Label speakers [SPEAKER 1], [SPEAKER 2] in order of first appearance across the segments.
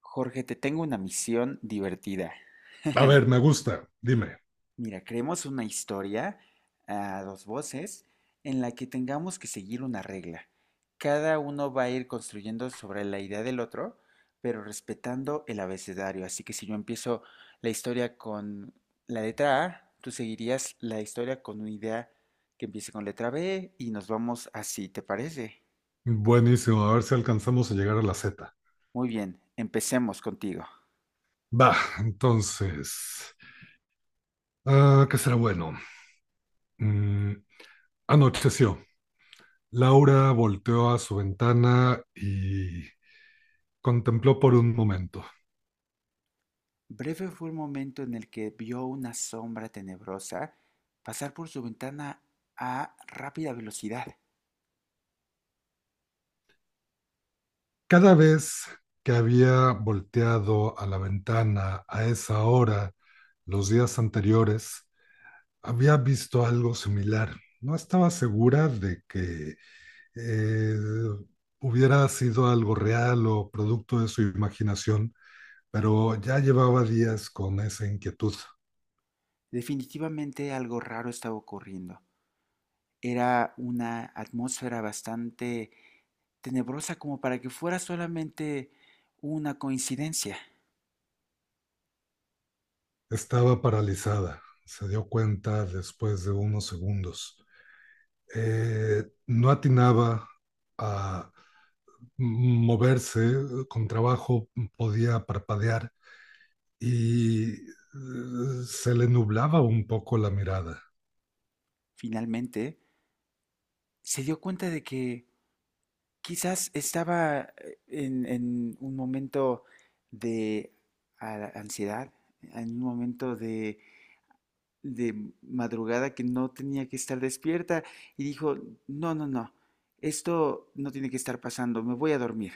[SPEAKER 1] Jorge, te tengo una misión divertida.
[SPEAKER 2] A ver, me gusta. Dime.
[SPEAKER 1] Mira, creemos una historia a dos voces en la que tengamos que seguir una regla. Cada uno va a ir construyendo sobre la idea del otro, pero respetando el abecedario. Así que si yo empiezo la historia con la letra A, tú seguirías la historia con una idea que empiece con letra B y nos vamos así, ¿te parece?
[SPEAKER 2] Buenísimo. A ver si alcanzamos a llegar a la Z.
[SPEAKER 1] Muy bien, empecemos contigo.
[SPEAKER 2] Va, entonces. ¿Qué será bueno? Mm, anocheció. Laura volteó a su ventana y contempló por un momento.
[SPEAKER 1] Breve fue el momento en el que vio una sombra tenebrosa pasar por su ventana a rápida velocidad.
[SPEAKER 2] Cada vez que había volteado a la ventana a esa hora, los días anteriores, había visto algo similar. No estaba segura de que eh, hubiera sido algo real o producto de su imaginación, pero ya llevaba días con esa inquietud.
[SPEAKER 1] Definitivamente algo raro estaba ocurriendo. Era una atmósfera bastante tenebrosa como para que fuera solamente una coincidencia.
[SPEAKER 2] Estaba paralizada, se dio cuenta después de unos segundos. No atinaba a moverse, con trabajo podía parpadear y se le nublaba un poco la mirada.
[SPEAKER 1] Finalmente, se dio cuenta de que quizás estaba en un momento de ansiedad, en un momento de madrugada que no tenía que estar despierta y dijo, no, no, no, esto no tiene que estar pasando, me voy a dormir.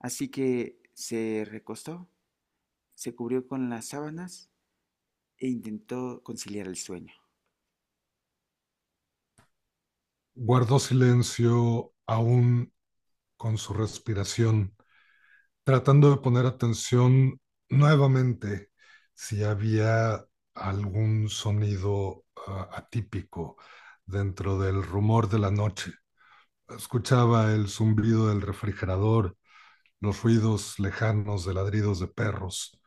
[SPEAKER 1] Así que se recostó, se cubrió con las sábanas e intentó conciliar el sueño.
[SPEAKER 2] Guardó silencio aún con su respiración tratando de poner atención nuevamente si había algún sonido atípico dentro del rumor de la noche. Escuchaba el zumbido del refrigerador, los ruidos lejanos de ladridos de perros,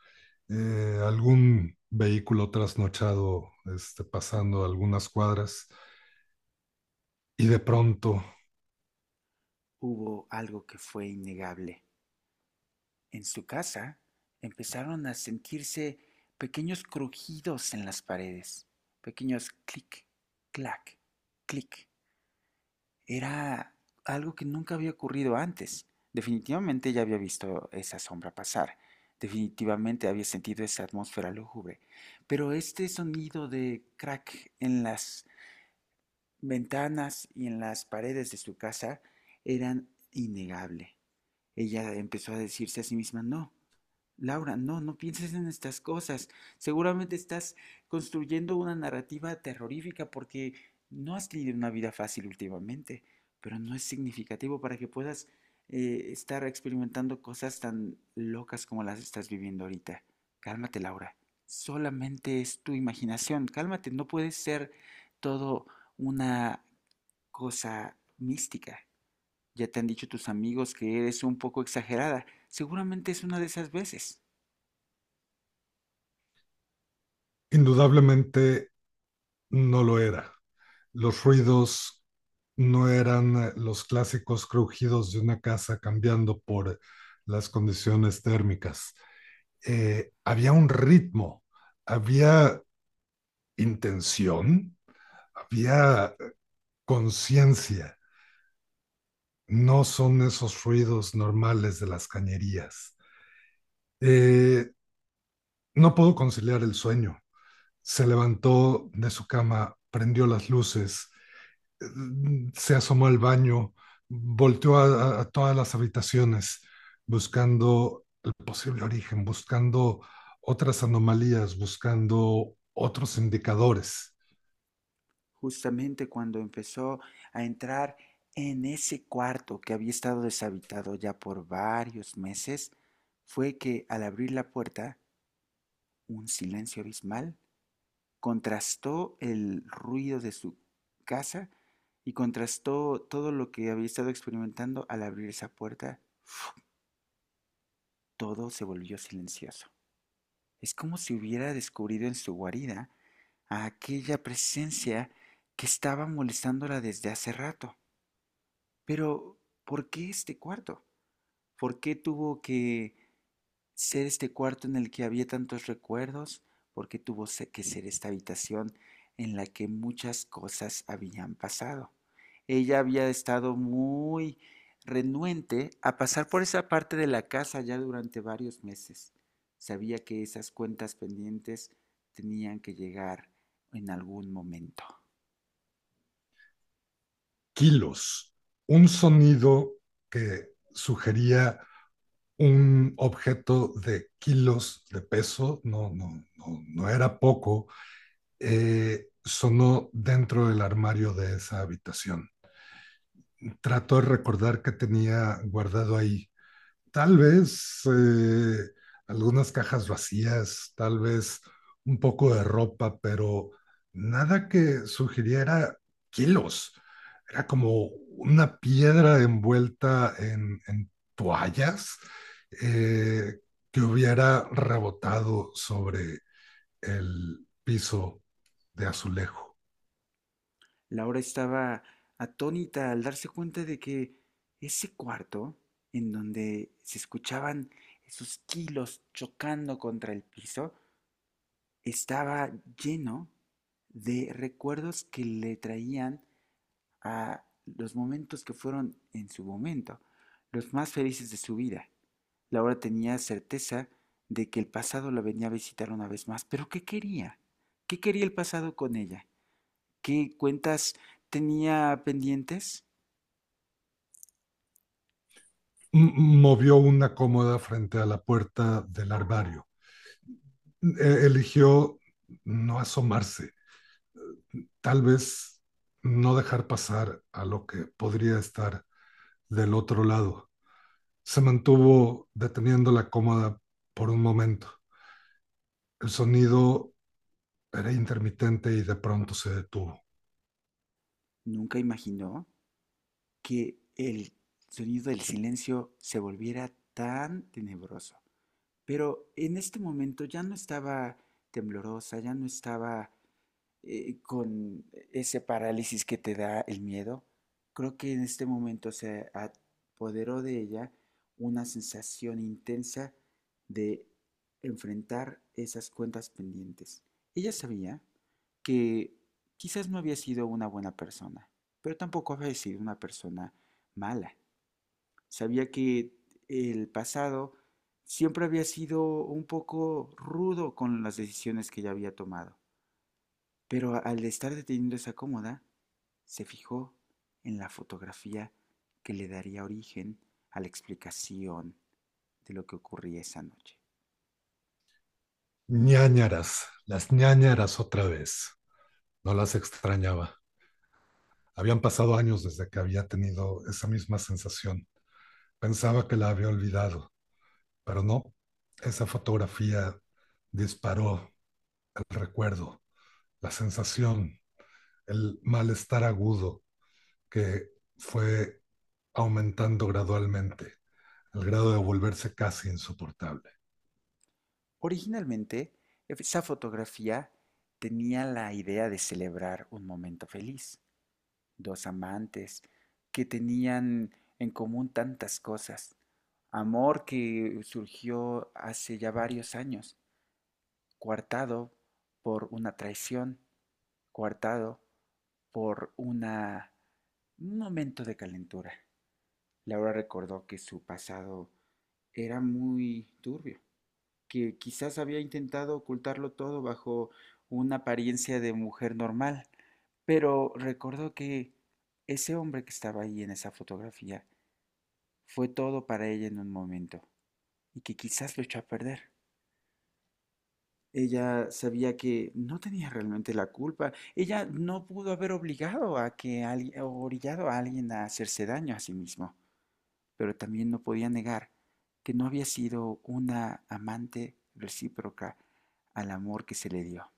[SPEAKER 2] algún vehículo trasnochado este, pasando algunas cuadras y de pronto,
[SPEAKER 1] Hubo algo que fue innegable. En su casa empezaron a sentirse pequeños crujidos en las paredes, pequeños clic, clac, clic. Era algo que nunca había ocurrido antes. Definitivamente ya había visto esa sombra pasar. Definitivamente había sentido esa atmósfera lúgubre. Pero este sonido de crack en las ventanas y en las paredes de su casa eran innegable. Ella empezó a decirse a sí misma, no, Laura, no, no pienses en estas cosas. Seguramente estás construyendo una narrativa terrorífica porque no has tenido una vida fácil últimamente, pero no es significativo para que puedas estar experimentando cosas tan locas como las estás viviendo ahorita. Cálmate, Laura. Solamente es tu imaginación. Cálmate, no puede ser todo una cosa mística. Ya te han dicho tus amigos que eres un poco exagerada. Seguramente es una de esas veces.
[SPEAKER 2] indudablemente, no lo era. Los ruidos no eran los clásicos crujidos de una casa cambiando por las condiciones térmicas. Había un ritmo, había intención, había conciencia. No son esos ruidos normales de las cañerías. Eh, no pudo conciliar el sueño. Se levantó de su cama, prendió las luces, se asomó al baño, volteó a todas las habitaciones buscando el posible origen, buscando otras anomalías, buscando otros indicadores,
[SPEAKER 1] Justamente cuando empezó a entrar en ese cuarto que había estado deshabitado ya por varios meses, fue que al abrir la puerta, un silencio abismal contrastó el ruido de su casa y contrastó todo lo que había estado experimentando al abrir esa puerta. Todo se volvió silencioso. Es como si hubiera descubrido en su guarida a aquella presencia que estaba molestándola desde hace rato. Pero, ¿por qué este cuarto? ¿Por qué tuvo que ser este cuarto en el que había tantos recuerdos, porque tuvo que ser esta habitación en la que muchas cosas habían pasado? Ella había estado muy renuente a pasar por esa parte de la casa ya durante varios meses. Sabía que esas cuentas pendientes tenían que llegar en algún momento.
[SPEAKER 2] kilos, un sonido que sugería un objeto de kilos de peso, no, no, no, no era poco, sonó dentro del armario de esa habitación. Trató de recordar qué tenía guardado ahí. Tal vez algunas cajas vacías, tal vez un poco de ropa, pero nada que sugiriera kilos. Era como una piedra envuelta en toallas eh, que hubiera rebotado sobre el piso de azulejo.
[SPEAKER 1] Laura estaba atónita al darse cuenta de que ese cuarto, en donde se escuchaban esos kilos chocando contra el piso, estaba lleno de recuerdos que le traían a los momentos que fueron en su momento, los más felices de su vida. Laura tenía certeza de que el pasado la venía a visitar una vez más, pero ¿qué quería? ¿Qué quería el pasado con ella? ¿Qué cuentas tenía pendientes?
[SPEAKER 2] Movió una cómoda frente a la puerta del armario. Eligió no asomarse, tal vez no dejar pasar a lo que podría estar del otro lado. Se mantuvo deteniendo la cómoda por un momento. El sonido era intermitente y de pronto se detuvo.
[SPEAKER 1] Nunca imaginó que el sonido del silencio se volviera tan tenebroso. Pero en este momento ya no estaba temblorosa, ya no estaba con ese parálisis que te da el miedo, creo que en este momento se apoderó de ella una sensación intensa de enfrentar esas cuentas pendientes. Ella sabía que quizás no había sido una buena persona, pero tampoco había sido una persona mala. Sabía que el pasado siempre había sido un poco rudo con las decisiones que ella había tomado. Pero al estar deteniendo esa cómoda, se fijó en la fotografía que le daría origen a la explicación de lo que ocurría esa noche.
[SPEAKER 2] Ñañaras, las ñañaras otra vez. No las extrañaba. Habían pasado años desde que había tenido esa misma sensación. Pensaba que la había olvidado, pero no. Esa fotografía disparó el recuerdo, la sensación, el malestar agudo que fue aumentando gradualmente, al grado de volverse casi insoportable.
[SPEAKER 1] Originalmente, esa fotografía tenía la idea de celebrar un momento feliz, dos amantes que tenían en común tantas cosas, amor que surgió hace ya varios años, coartado por una traición, coartado por un momento de calentura. Laura recordó que su pasado era muy turbio, que quizás había intentado ocultarlo todo bajo una apariencia de mujer normal, pero recordó que ese hombre que estaba ahí en esa fotografía fue todo para ella en un momento y que quizás lo echó a perder. Ella sabía que no tenía realmente la culpa. Ella no pudo haber obligado a que alguien, o orillado a alguien a hacerse daño a sí mismo. Pero también no podía negar que no había sido una amante recíproca al amor que se le dio.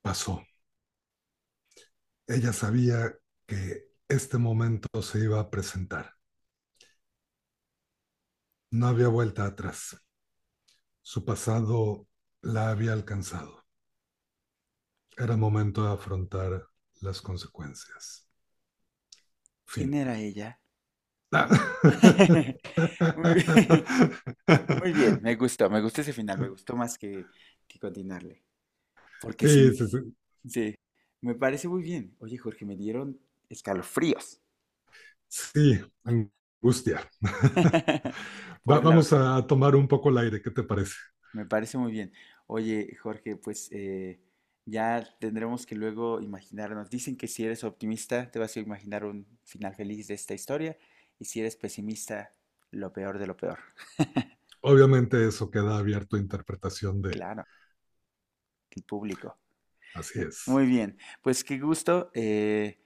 [SPEAKER 2] Pasó. Ella sabía que este momento se iba a presentar. No había vuelta atrás. Su pasado la había alcanzado. Era momento de afrontar las consecuencias.
[SPEAKER 1] ¿Quién
[SPEAKER 2] Fin.
[SPEAKER 1] era ella?
[SPEAKER 2] Ah.
[SPEAKER 1] Muy, muy bien, me gustó ese final, me gustó más que continuarle. Porque
[SPEAKER 2] Sí,
[SPEAKER 1] sin,
[SPEAKER 2] sí, sí.
[SPEAKER 1] Sí, me parece muy bien. Oye, Jorge, me dieron escalofríos.
[SPEAKER 2] Sí, angustia.
[SPEAKER 1] Pobre Laura.
[SPEAKER 2] Vamos a tomar un poco el aire, ¿qué te parece?
[SPEAKER 1] Me parece muy bien. Oye, Jorge, pues ya tendremos que luego imaginarnos. Dicen que si eres optimista, te vas a imaginar un final feliz de esta historia. Y si eres pesimista, lo peor de lo peor.
[SPEAKER 2] Obviamente eso queda abierto a interpretación de
[SPEAKER 1] Claro, el público.
[SPEAKER 2] así es.
[SPEAKER 1] Muy bien, pues qué gusto.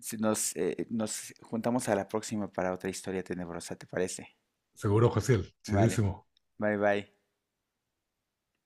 [SPEAKER 1] Si nos juntamos a la próxima para otra historia tenebrosa, ¿te parece?
[SPEAKER 2] Seguro, Jaciel,
[SPEAKER 1] Vale.
[SPEAKER 2] chidísimo.
[SPEAKER 1] Bye bye.